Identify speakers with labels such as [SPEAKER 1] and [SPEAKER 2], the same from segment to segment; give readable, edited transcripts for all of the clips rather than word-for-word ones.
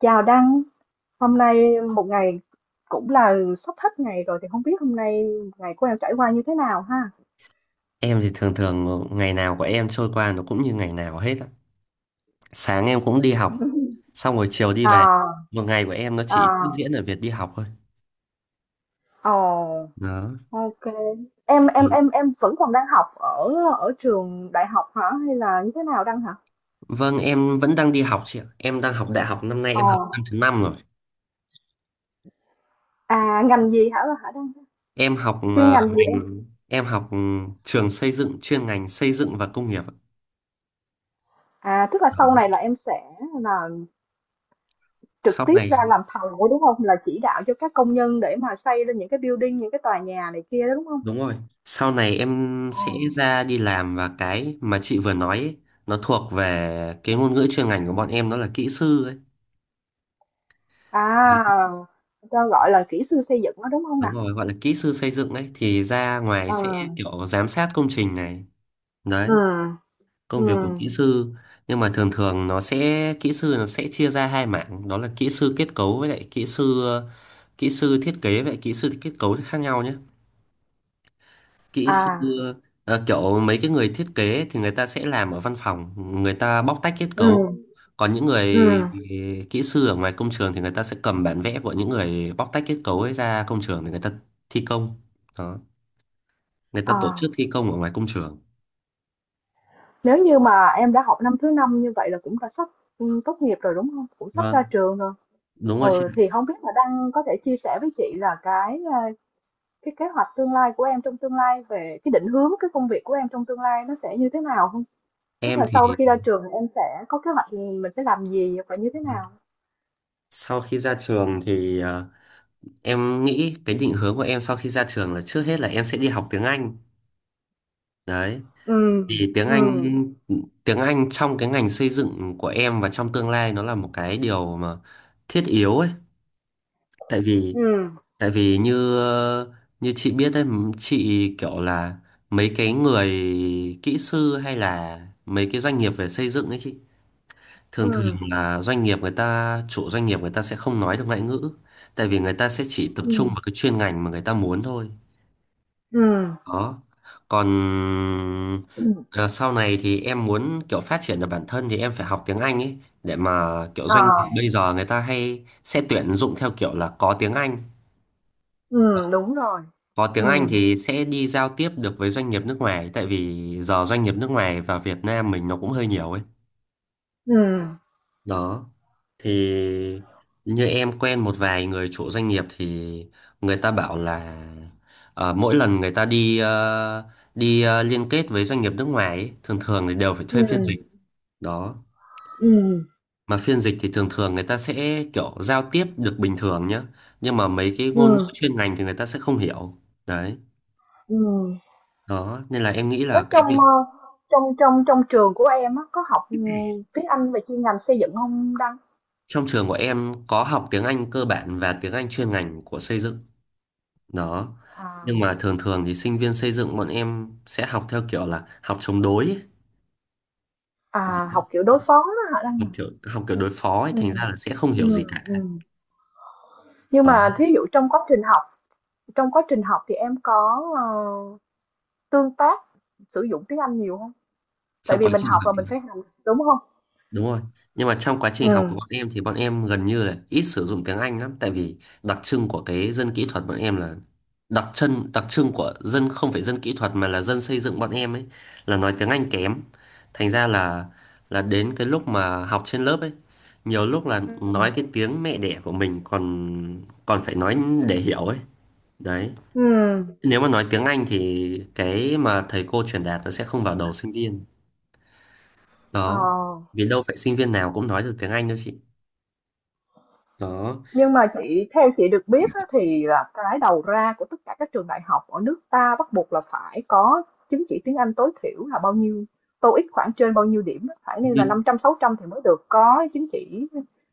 [SPEAKER 1] Chào Đăng, hôm nay một ngày cũng là sắp hết ngày rồi thì không biết hôm nay ngày của em trải qua như thế nào ha?
[SPEAKER 2] Em thì thường thường ngày nào của em trôi qua nó cũng như ngày nào hết á. Sáng em cũng đi học, xong rồi chiều đi về.
[SPEAKER 1] À,
[SPEAKER 2] Một ngày của em nó chỉ tiếp
[SPEAKER 1] à,
[SPEAKER 2] diễn ở việc đi học thôi.
[SPEAKER 1] ồ,
[SPEAKER 2] Đó.
[SPEAKER 1] ok. Em em
[SPEAKER 2] Thì...
[SPEAKER 1] em em vẫn còn đang học ở ở trường đại học hả hay là như thế nào Đăng hả?
[SPEAKER 2] Vâng, em vẫn đang đi học chị ạ. Em đang học đại học, năm nay
[SPEAKER 1] Ồ,
[SPEAKER 2] em học năm thứ năm rồi.
[SPEAKER 1] à, ngành gì hả hả Đăng?
[SPEAKER 2] Em học
[SPEAKER 1] Chuyên ngành gì em?
[SPEAKER 2] ngành em học trường xây dựng, chuyên ngành xây dựng và công nghiệp ạ.
[SPEAKER 1] À, tức là sau này
[SPEAKER 2] Đó.
[SPEAKER 1] là em sẽ là trực
[SPEAKER 2] Sau
[SPEAKER 1] tiếp
[SPEAKER 2] này
[SPEAKER 1] ra làm thầu đúng không? Là chỉ đạo cho các công nhân để mà xây lên những cái building, những cái tòa nhà này kia đó đúng không?
[SPEAKER 2] đúng rồi. Sau này em
[SPEAKER 1] Ồ.
[SPEAKER 2] sẽ ra đi làm, và cái mà chị vừa nói ấy, nó thuộc về cái ngôn ngữ chuyên ngành của bọn em, đó là kỹ sư ấy.
[SPEAKER 1] À, cho gọi là kỹ sư xây dựng đó đúng không
[SPEAKER 2] Đúng
[SPEAKER 1] nào.
[SPEAKER 2] rồi, gọi là kỹ sư xây dựng đấy, thì ra ngoài
[SPEAKER 1] Ờ,
[SPEAKER 2] sẽ kiểu giám sát công trình này,
[SPEAKER 1] ừ,
[SPEAKER 2] đấy công
[SPEAKER 1] ừ.
[SPEAKER 2] việc của kỹ sư, nhưng mà thường thường nó sẽ kỹ sư nó sẽ chia ra hai mảng, đó là kỹ sư kết cấu với lại kỹ sư thiết kế. Vậy kỹ sư kết cấu thì khác nhau nhé. Kỹ sư
[SPEAKER 1] À,
[SPEAKER 2] kiểu mấy cái người thiết kế thì người ta sẽ làm ở văn phòng, người ta bóc tách kết
[SPEAKER 1] ừ,
[SPEAKER 2] cấu. Còn những người
[SPEAKER 1] ừ,
[SPEAKER 2] kỹ sư ở ngoài công trường thì người ta sẽ cầm bản vẽ của những người bóc tách kết cấu ấy ra công trường để người ta thi công. Đó. Người ta tổ
[SPEAKER 1] à,
[SPEAKER 2] chức thi công ở ngoài công trường.
[SPEAKER 1] nếu như mà em đã học năm thứ năm như vậy là cũng đã sắp tốt nghiệp rồi đúng không? Cũng sắp ra
[SPEAKER 2] Vâng,
[SPEAKER 1] trường rồi.
[SPEAKER 2] đúng rồi chị
[SPEAKER 1] Ừ,
[SPEAKER 2] ạ.
[SPEAKER 1] thì không biết là đang có thể chia sẻ với chị là cái kế hoạch tương lai của em trong tương lai về cái định hướng cái công việc của em trong tương lai nó sẽ như thế nào không? Tức
[SPEAKER 2] Em
[SPEAKER 1] là
[SPEAKER 2] thì
[SPEAKER 1] sau khi ra trường thì em sẽ có kế hoạch mình sẽ làm gì và như thế nào?
[SPEAKER 2] sau khi ra trường thì em nghĩ cái định hướng của em sau khi ra trường là trước hết là em sẽ đi học tiếng Anh. Đấy,
[SPEAKER 1] Ừ,
[SPEAKER 2] vì tiếng
[SPEAKER 1] ừ,
[SPEAKER 2] Anh, tiếng Anh trong cái ngành xây dựng của em và trong tương lai nó là một cái điều mà thiết yếu ấy. Tại vì
[SPEAKER 1] ừ,
[SPEAKER 2] như như chị biết đấy, chị kiểu là mấy cái người kỹ sư hay là mấy cái doanh nghiệp về xây dựng ấy chị,
[SPEAKER 1] ừ,
[SPEAKER 2] thường thường là doanh nghiệp, người ta chủ doanh nghiệp người ta sẽ không nói được ngoại ngữ, tại vì người ta sẽ chỉ tập trung
[SPEAKER 1] ừ,
[SPEAKER 2] vào cái chuyên ngành mà người ta muốn thôi.
[SPEAKER 1] ừ,
[SPEAKER 2] Đó, còn
[SPEAKER 1] ừm,
[SPEAKER 2] ờ, sau này thì em muốn kiểu phát triển được bản thân thì em phải học tiếng Anh ấy, để mà kiểu
[SPEAKER 1] ờ,
[SPEAKER 2] doanh nghiệp bây giờ người ta hay sẽ tuyển dụng theo kiểu là có tiếng Anh.
[SPEAKER 1] đúng rồi.
[SPEAKER 2] Có tiếng
[SPEAKER 1] Ừ,
[SPEAKER 2] Anh thì sẽ đi giao tiếp được với doanh nghiệp nước ngoài, tại vì giờ doanh nghiệp nước ngoài và Việt Nam mình nó cũng hơi nhiều ấy.
[SPEAKER 1] ừ,
[SPEAKER 2] Đó, thì như em quen một vài người chủ doanh nghiệp thì người ta bảo là mỗi lần người ta đi liên kết với doanh nghiệp nước ngoài ấy, thường thường thì đều phải thuê
[SPEAKER 1] ừ,
[SPEAKER 2] phiên dịch. Đó,
[SPEAKER 1] ừ,
[SPEAKER 2] mà phiên dịch thì thường thường người ta sẽ kiểu giao tiếp được bình thường nhá, nhưng mà mấy cái
[SPEAKER 1] ừ,
[SPEAKER 2] ngôn ngữ chuyên ngành thì người ta sẽ không hiểu. Đấy,
[SPEAKER 1] ừ.
[SPEAKER 2] đó nên là em nghĩ
[SPEAKER 1] Thế
[SPEAKER 2] là cái
[SPEAKER 1] trong,
[SPEAKER 2] việc
[SPEAKER 1] ơ, trong trong trong trường của em á, có học, tiếng Anh về chuyên ngành xây dựng không Đăng?
[SPEAKER 2] trong trường của em có học tiếng Anh cơ bản và tiếng Anh chuyên ngành của xây dựng. Đó,
[SPEAKER 1] À,
[SPEAKER 2] nhưng mà thường thường thì sinh viên xây dựng bọn em sẽ học theo kiểu là học chống đối ấy.
[SPEAKER 1] à,
[SPEAKER 2] Đó.
[SPEAKER 1] học kiểu đối phó đó hả Đăng?
[SPEAKER 2] học
[SPEAKER 1] À?
[SPEAKER 2] kiểu học kiểu đối phó ấy,
[SPEAKER 1] Ừ,
[SPEAKER 2] thành ra là sẽ không
[SPEAKER 1] ừ,
[SPEAKER 2] hiểu gì cả.
[SPEAKER 1] ừ. Nhưng
[SPEAKER 2] Đó,
[SPEAKER 1] mà thí dụ trong quá trình học thì em có, tương tác sử dụng tiếng Anh nhiều không? Tại
[SPEAKER 2] trong
[SPEAKER 1] vì
[SPEAKER 2] quá
[SPEAKER 1] mình
[SPEAKER 2] trình
[SPEAKER 1] học
[SPEAKER 2] học.
[SPEAKER 1] là mình phải hành đúng không?
[SPEAKER 2] Đúng rồi. Nhưng mà trong quá trình học
[SPEAKER 1] Ừ,
[SPEAKER 2] của bọn em thì bọn em gần như là ít sử dụng tiếng Anh lắm, tại vì đặc trưng của cái dân kỹ thuật bọn em là đặc trưng của dân không phải dân kỹ thuật, mà là dân xây dựng bọn em ấy, là nói tiếng Anh kém. Thành ra là đến cái lúc mà học trên lớp ấy, nhiều lúc là nói cái
[SPEAKER 1] ừ,
[SPEAKER 2] tiếng mẹ đẻ của mình còn còn phải nói để hiểu ấy. Đấy.
[SPEAKER 1] ừ.
[SPEAKER 2] Nếu mà nói tiếng Anh thì cái mà thầy cô truyền đạt nó sẽ không vào đầu sinh viên.
[SPEAKER 1] Ờ,
[SPEAKER 2] Đó. Vì đâu phải sinh viên nào cũng nói được tiếng Anh đâu chị. Đó,
[SPEAKER 1] nhưng mà chị theo chị được biết á, thì là cái đầu ra của tất cả các trường đại học ở nước ta bắt buộc là phải có chứng chỉ tiếng Anh tối thiểu là bao nhiêu TOEIC khoảng trên bao nhiêu điểm á, phải nên là
[SPEAKER 2] như
[SPEAKER 1] 500 600 thì mới được có chứng chỉ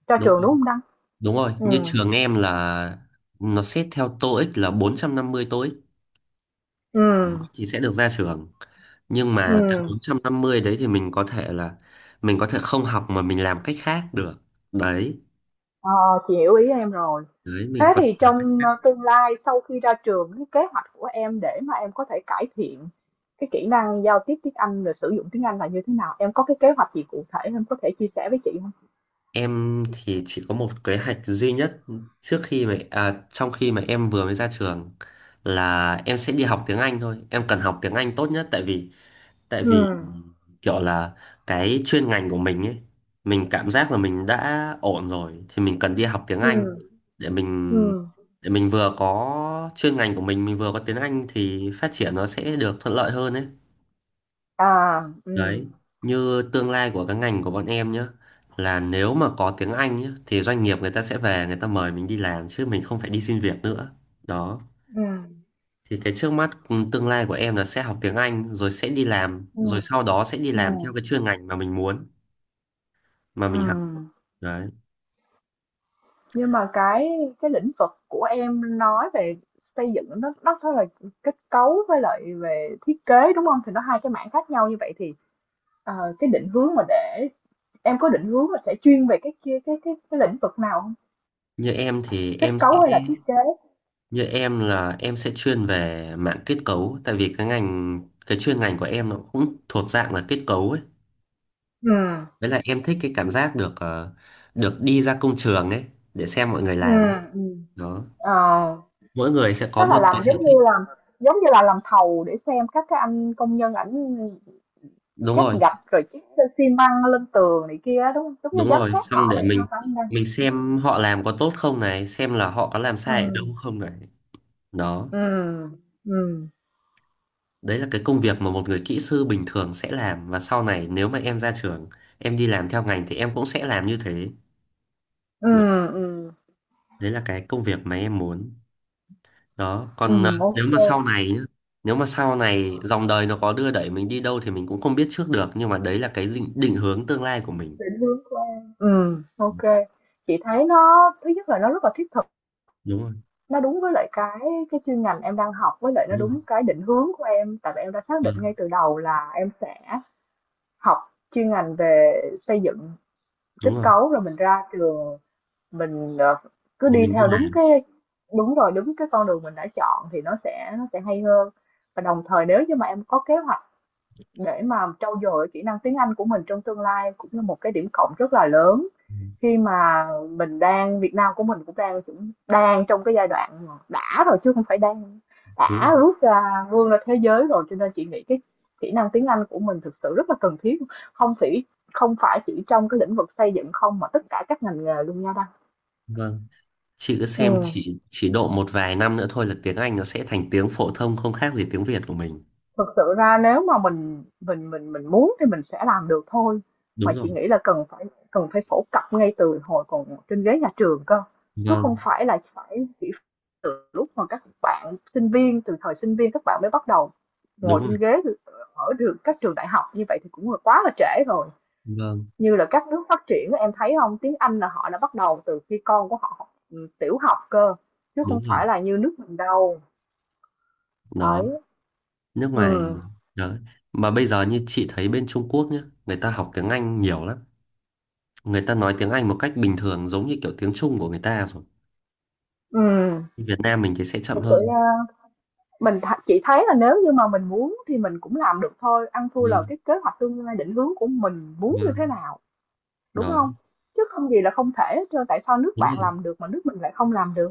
[SPEAKER 1] ra
[SPEAKER 2] đúng
[SPEAKER 1] trường đúng không Đăng?
[SPEAKER 2] đúng rồi, như
[SPEAKER 1] Ừ.
[SPEAKER 2] trường em là nó xét theo TOEIC là 450 TOEIC.
[SPEAKER 1] Ừ.
[SPEAKER 2] Đó, thì sẽ được ra trường, nhưng
[SPEAKER 1] Ừ.
[SPEAKER 2] mà cái 450 đấy thì mình có thể là mình có thể không học mà mình làm cách khác được. Đấy,
[SPEAKER 1] Ờ, chị hiểu ý em rồi.
[SPEAKER 2] đấy
[SPEAKER 1] Thế
[SPEAKER 2] mình có thể
[SPEAKER 1] thì
[SPEAKER 2] làm cách.
[SPEAKER 1] trong tương lai sau khi ra trường, cái kế hoạch của em để mà em có thể cải thiện cái kỹ năng giao tiếp tiếng Anh rồi sử dụng tiếng Anh là như thế nào? Em có cái kế hoạch gì cụ thể em có thể chia sẻ với chị không?
[SPEAKER 2] Em thì chỉ có một kế hoạch duy nhất, trước khi mà trong khi mà em vừa mới ra trường là em sẽ đi học tiếng Anh thôi. Em cần học tiếng Anh tốt nhất, tại vì tại
[SPEAKER 1] Ừ,
[SPEAKER 2] vì kiểu là cái chuyên ngành của mình ấy, mình cảm giác là mình đã ổn rồi thì mình cần đi học tiếng
[SPEAKER 1] ừ,
[SPEAKER 2] Anh, để
[SPEAKER 1] ừ,
[SPEAKER 2] mình vừa có chuyên ngành của mình vừa có tiếng Anh thì phát triển nó sẽ được thuận lợi hơn ấy.
[SPEAKER 1] à, ừ,
[SPEAKER 2] Đấy, như tương lai của cái ngành của bọn em nhá, là nếu mà có tiếng Anh nhá thì doanh nghiệp người ta sẽ về người ta mời mình đi làm, chứ mình không phải đi xin việc nữa. Đó,
[SPEAKER 1] ừ,
[SPEAKER 2] thì cái trước mắt tương lai của em là sẽ học tiếng Anh, rồi sẽ đi làm,
[SPEAKER 1] ừ,
[SPEAKER 2] rồi sau đó sẽ đi
[SPEAKER 1] ừ,
[SPEAKER 2] làm theo cái chuyên ngành mà mình muốn, mà
[SPEAKER 1] ừ.
[SPEAKER 2] mình học. Đấy.
[SPEAKER 1] Nhưng mà cái lĩnh vực của em nói về xây dựng nó rất là kết cấu với lại về thiết kế đúng không? Thì nó hai cái mảng khác nhau như vậy thì ờ, cái định hướng mà để em có định hướng là sẽ chuyên về cái kia cái lĩnh vực nào hông?
[SPEAKER 2] Như em thì
[SPEAKER 1] Kết
[SPEAKER 2] em sẽ
[SPEAKER 1] cấu hay là thiết kế?
[SPEAKER 2] như em là em sẽ chuyên về mạng kết cấu, tại vì cái ngành, cái chuyên ngành của em nó cũng thuộc dạng là kết cấu ấy.
[SPEAKER 1] Ừm,
[SPEAKER 2] Với lại em thích cái cảm giác được được đi ra công trường ấy, để xem mọi người làm ấy.
[SPEAKER 1] ừm, ừm.
[SPEAKER 2] Đó.
[SPEAKER 1] Ờ,
[SPEAKER 2] Mỗi người sẽ
[SPEAKER 1] tức
[SPEAKER 2] có
[SPEAKER 1] là
[SPEAKER 2] một cái
[SPEAKER 1] làm
[SPEAKER 2] sở
[SPEAKER 1] giống như
[SPEAKER 2] thích.
[SPEAKER 1] là giống như là làm thầu để xem các cái anh công nhân ảnh
[SPEAKER 2] Đúng
[SPEAKER 1] trát
[SPEAKER 2] rồi,
[SPEAKER 1] gạch rồi trét xi măng lên tường này kia á, đúng hông? Giống như
[SPEAKER 2] đúng
[SPEAKER 1] giám
[SPEAKER 2] rồi,
[SPEAKER 1] sát
[SPEAKER 2] xong
[SPEAKER 1] họ
[SPEAKER 2] để
[SPEAKER 1] vậy ha?
[SPEAKER 2] mình
[SPEAKER 1] Phải hông ta?
[SPEAKER 2] xem họ làm có tốt không này, xem là họ có làm sai ở đâu
[SPEAKER 1] Ừm,
[SPEAKER 2] không này. Đó,
[SPEAKER 1] ừm, ừm,
[SPEAKER 2] đấy là cái công việc mà một người kỹ sư bình thường sẽ làm, và sau này nếu mà em ra trường, em đi làm theo ngành thì em cũng sẽ làm như thế. Đấy,
[SPEAKER 1] ừm, ừm,
[SPEAKER 2] đấy là cái công việc mà em muốn. Đó, còn
[SPEAKER 1] ô,
[SPEAKER 2] nếu mà sau này nhá, nếu mà sau này dòng đời nó có đưa đẩy mình đi đâu thì mình cũng không biết trước được, nhưng mà đấy là cái định, định hướng tương lai của mình.
[SPEAKER 1] định hướng của em. Ừm. Ok, chị thấy nó thứ nhất là nó rất là thiết.
[SPEAKER 2] Đúng rồi,
[SPEAKER 1] Nó đúng với lại cái chuyên ngành em đang học, với lại nó
[SPEAKER 2] đúng rồi.
[SPEAKER 1] đúng cái định hướng của em, tại vì em đã xác định
[SPEAKER 2] Vâng,
[SPEAKER 1] ngay từ đầu là em sẽ học chuyên ngành về xây dựng kết
[SPEAKER 2] đúng rồi.
[SPEAKER 1] cấu rồi mình ra trường mình cứ
[SPEAKER 2] Rồi
[SPEAKER 1] đi
[SPEAKER 2] mình đi
[SPEAKER 1] theo đúng
[SPEAKER 2] làm.
[SPEAKER 1] cái, đúng rồi, đúng cái con đường mình đã chọn thì nó sẽ hay hơn. Và đồng thời nếu như mà em có kế hoạch để mà trau dồi kỹ năng tiếng Anh của mình trong tương lai cũng là một cái điểm cộng rất là lớn
[SPEAKER 2] Ừ.
[SPEAKER 1] khi mà mình đang Việt Nam của mình cũng đang trong cái giai đoạn mà đã rồi chứ không phải đang
[SPEAKER 2] Đúng
[SPEAKER 1] đã
[SPEAKER 2] rồi.
[SPEAKER 1] rút ra vươn ra thế giới rồi cho nên chị nghĩ cái kỹ năng tiếng Anh của mình thực sự rất là cần thiết, không chỉ không phải chỉ trong cái lĩnh vực xây dựng không mà tất cả các ngành nghề luôn nha Đăng.
[SPEAKER 2] Vâng. Chị cứ xem,
[SPEAKER 1] Ừ.
[SPEAKER 2] chỉ độ một vài năm nữa thôi là tiếng Anh nó sẽ thành tiếng phổ thông không khác gì tiếng Việt của mình.
[SPEAKER 1] Thực sự ra nếu mà mình muốn thì mình sẽ làm được thôi,
[SPEAKER 2] Đúng
[SPEAKER 1] mà chị
[SPEAKER 2] rồi.
[SPEAKER 1] nghĩ là cần phải phổ cập ngay từ hồi còn trên ghế nhà trường cơ, chứ không
[SPEAKER 2] Vâng.
[SPEAKER 1] phải là phải chỉ lúc mà các bạn sinh viên từ thời sinh viên các bạn mới bắt đầu ngồi
[SPEAKER 2] Đúng
[SPEAKER 1] trên
[SPEAKER 2] rồi.
[SPEAKER 1] ghế ở được các trường đại học như vậy thì cũng là quá là trễ rồi.
[SPEAKER 2] Vâng,
[SPEAKER 1] Như là các nước phát triển em thấy không, tiếng Anh là họ đã bắt đầu từ khi con của họ học tiểu học cơ, chứ không
[SPEAKER 2] đúng
[SPEAKER 1] phải
[SPEAKER 2] rồi.
[SPEAKER 1] là như nước mình đâu.
[SPEAKER 2] Đó,
[SPEAKER 1] Đấy.
[SPEAKER 2] nước ngoài.
[SPEAKER 1] Ừ,
[SPEAKER 2] Đó, mà bây giờ như chị thấy, bên Trung Quốc nhá, người ta học tiếng Anh nhiều lắm, người ta nói tiếng Anh một cách bình thường giống như kiểu tiếng Trung của người ta rồi.
[SPEAKER 1] ừ,
[SPEAKER 2] Việt Nam mình thì sẽ chậm
[SPEAKER 1] thực sự
[SPEAKER 2] hơn.
[SPEAKER 1] nha. Mình chỉ thấy là nếu như mà mình muốn thì mình cũng làm được thôi, ăn thua là
[SPEAKER 2] Vâng.
[SPEAKER 1] cái kế hoạch tương lai định hướng của mình muốn như thế
[SPEAKER 2] Vâng.
[SPEAKER 1] nào, đúng
[SPEAKER 2] Đó,
[SPEAKER 1] không? Chứ không gì là không thể hết trơn, tại sao nước
[SPEAKER 2] đúng
[SPEAKER 1] bạn
[SPEAKER 2] rồi.
[SPEAKER 1] làm được mà nước mình lại không làm được?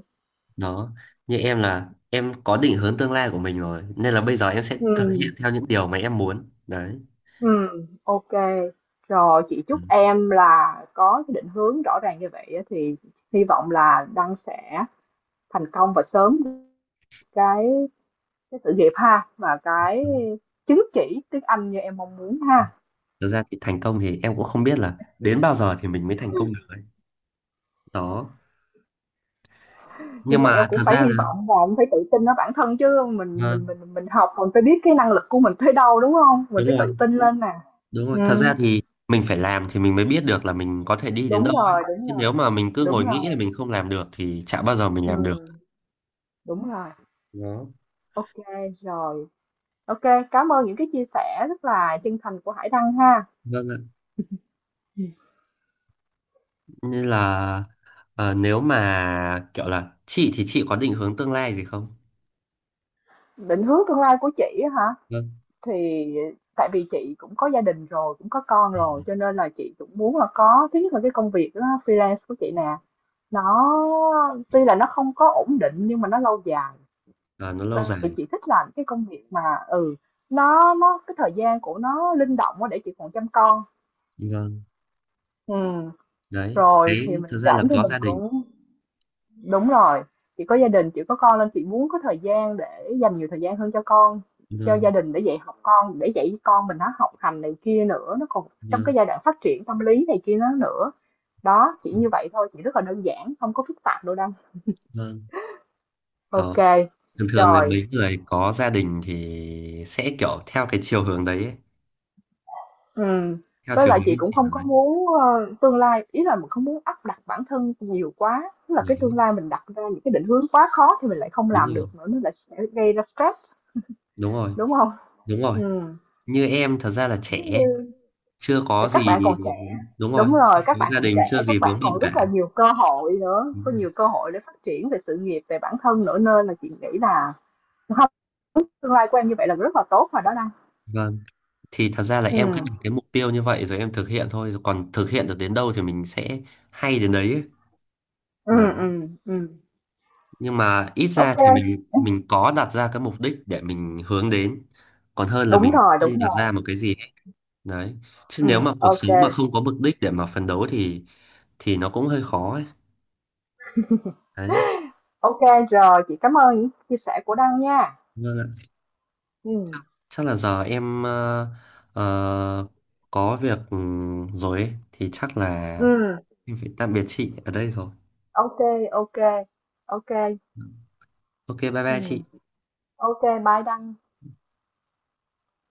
[SPEAKER 2] Đó, như em là em có định hướng tương lai của mình rồi, nên là bây giờ em sẽ thực hiện
[SPEAKER 1] Ừ,
[SPEAKER 2] theo những điều mà em muốn đấy.
[SPEAKER 1] ừ, ok. Rồi, chị
[SPEAKER 2] Ừ.
[SPEAKER 1] chúc em là có cái định hướng rõ ràng như vậy á thì hy vọng là Đăng sẽ thành công và sớm cái cái sự nghiệp ha, và cái
[SPEAKER 2] Ừ.
[SPEAKER 1] chứng chỉ tiếng Anh như em mong muốn ha.
[SPEAKER 2] Thực ra thì thành công thì em cũng không biết là đến bao giờ thì mình mới thành công được ấy. Đó, nhưng
[SPEAKER 1] Nhưng mà em
[SPEAKER 2] mà
[SPEAKER 1] cũng
[SPEAKER 2] thật
[SPEAKER 1] phải
[SPEAKER 2] ra
[SPEAKER 1] hy
[SPEAKER 2] là...
[SPEAKER 1] vọng và em phải tự tin ở bản thân chứ mình
[SPEAKER 2] Vâng,
[SPEAKER 1] mình mình mình học mình phải biết cái năng lực của mình tới đâu đúng không, mình
[SPEAKER 2] đúng
[SPEAKER 1] phải
[SPEAKER 2] rồi.
[SPEAKER 1] tự tin lên nè.
[SPEAKER 2] Đúng
[SPEAKER 1] Ừ.
[SPEAKER 2] rồi, thật ra thì mình phải làm thì mình mới biết được là mình có thể đi đến đâu
[SPEAKER 1] Đúng
[SPEAKER 2] ấy.
[SPEAKER 1] rồi, đúng
[SPEAKER 2] Chứ
[SPEAKER 1] rồi,
[SPEAKER 2] nếu mà mình cứ ngồi
[SPEAKER 1] đúng rồi.
[SPEAKER 2] nghĩ là mình không làm được thì chả bao giờ mình
[SPEAKER 1] Ừ,
[SPEAKER 2] làm được.
[SPEAKER 1] đúng rồi.
[SPEAKER 2] Đó.
[SPEAKER 1] Ok. Rồi, ok, cảm ơn những cái chia sẻ rất là chân thành của Hải Đăng ha.
[SPEAKER 2] Vâng ạ.
[SPEAKER 1] Ừ.
[SPEAKER 2] Nên là nếu mà kiểu là chị thì chị có định hướng tương lai gì không?
[SPEAKER 1] Định hướng tương lai của chị á hả,
[SPEAKER 2] Vâng.
[SPEAKER 1] thì tại vì chị cũng có gia đình rồi cũng có con rồi cho nên là chị cũng muốn là có thứ nhất là cái công việc đó, freelance của chị nè, nó tuy là nó không có ổn định nhưng mà nó lâu dài.
[SPEAKER 2] Ờ, nó lâu
[SPEAKER 1] Ờ, thì
[SPEAKER 2] dài.
[SPEAKER 1] chị thích làm cái công việc mà ừ, nó cái thời gian của nó linh động quá để chị còn chăm con.
[SPEAKER 2] Vâng.
[SPEAKER 1] Ừm,
[SPEAKER 2] Đấy.
[SPEAKER 1] Rồi thì
[SPEAKER 2] Đấy, thực
[SPEAKER 1] mình
[SPEAKER 2] ra là
[SPEAKER 1] rảnh thì
[SPEAKER 2] có
[SPEAKER 1] mình
[SPEAKER 2] gia đình.
[SPEAKER 1] cũng đúng rồi. Chị có gia đình, chị có con nên chị muốn có thời gian để dành nhiều thời gian hơn cho con, cho
[SPEAKER 2] Vâng.
[SPEAKER 1] gia đình để dạy học con, để dạy con mình nó học hành này kia nữa, nó còn trong
[SPEAKER 2] Vâng.
[SPEAKER 1] cái giai đoạn phát triển tâm lý này kia nó nữa. Đó, chỉ
[SPEAKER 2] Ừ.
[SPEAKER 1] như vậy thôi, chỉ rất là đơn giản, không có phức tạp đâu đâu.
[SPEAKER 2] Vâng. Đó.
[SPEAKER 1] Ok,
[SPEAKER 2] Thường thường là
[SPEAKER 1] rồi.
[SPEAKER 2] mấy người có gia đình thì sẽ kiểu theo cái chiều hướng đấy ấy.
[SPEAKER 1] Ừm,
[SPEAKER 2] Theo
[SPEAKER 1] với
[SPEAKER 2] chiều
[SPEAKER 1] lại
[SPEAKER 2] hướng
[SPEAKER 1] chị
[SPEAKER 2] như
[SPEAKER 1] cũng
[SPEAKER 2] chị
[SPEAKER 1] không
[SPEAKER 2] nói.
[SPEAKER 1] có muốn, ơ, tương lai ý là mình không muốn áp đặt bản thân nhiều quá, tức là
[SPEAKER 2] Đó.
[SPEAKER 1] cái tương lai mình đặt ra những cái định hướng quá khó thì mình lại không
[SPEAKER 2] Đúng
[SPEAKER 1] làm
[SPEAKER 2] rồi.
[SPEAKER 1] được nữa, nó lại sẽ gây ra stress,
[SPEAKER 2] Đúng rồi.
[SPEAKER 1] đúng không?
[SPEAKER 2] Đúng rồi.
[SPEAKER 1] Ừm,
[SPEAKER 2] Như em thật ra là
[SPEAKER 1] giống
[SPEAKER 2] trẻ,
[SPEAKER 1] như
[SPEAKER 2] chưa
[SPEAKER 1] thì
[SPEAKER 2] có
[SPEAKER 1] các
[SPEAKER 2] gì,
[SPEAKER 1] bạn còn trẻ,
[SPEAKER 2] đúng rồi,
[SPEAKER 1] đúng
[SPEAKER 2] chưa
[SPEAKER 1] rồi, các
[SPEAKER 2] có
[SPEAKER 1] bạn
[SPEAKER 2] gia
[SPEAKER 1] còn
[SPEAKER 2] đình, chưa
[SPEAKER 1] trẻ,
[SPEAKER 2] gì
[SPEAKER 1] các bạn
[SPEAKER 2] vướng bận
[SPEAKER 1] còn
[SPEAKER 2] cả.
[SPEAKER 1] rất là nhiều cơ hội nữa,
[SPEAKER 2] Ừ.
[SPEAKER 1] có nhiều cơ hội để phát triển về sự nghiệp, về bản thân nữa nên là chị nghĩ là không, tương lai của em như vậy là rất là tốt rồi đó Đăng.
[SPEAKER 2] Vâng, thì thật ra là em cứ đặt
[SPEAKER 1] Ừm,
[SPEAKER 2] cái mục tiêu như vậy rồi em thực hiện thôi, rồi còn thực hiện được đến đâu thì mình sẽ hay đến đấy ấy.
[SPEAKER 1] ừm,
[SPEAKER 2] Đấy.
[SPEAKER 1] ừm, ừm,
[SPEAKER 2] Nhưng mà ít
[SPEAKER 1] ô,
[SPEAKER 2] ra thì mình có đặt ra cái mục đích để mình hướng đến, còn hơn là mình
[SPEAKER 1] đúng
[SPEAKER 2] không đặt
[SPEAKER 1] rồi,
[SPEAKER 2] ra một cái gì hết. Đấy, chứ nếu mà cuộc
[SPEAKER 1] ok.
[SPEAKER 2] sống mà không có mục đích để mà phấn đấu thì nó cũng hơi khó ấy. Đấy.
[SPEAKER 1] OK. Rồi, chị cảm ơn những chia sẻ của Đăng nha.
[SPEAKER 2] Vâng ạ.
[SPEAKER 1] Ừ.
[SPEAKER 2] Chắc là giờ em ờ, có việc rồi ấy. Thì chắc là
[SPEAKER 1] Ừ,
[SPEAKER 2] em phải tạm biệt chị ở đây rồi.
[SPEAKER 1] OK, OK. OK.
[SPEAKER 2] Ờ, ok bye bye chị.
[SPEAKER 1] Ừ. OK, bye Đăng.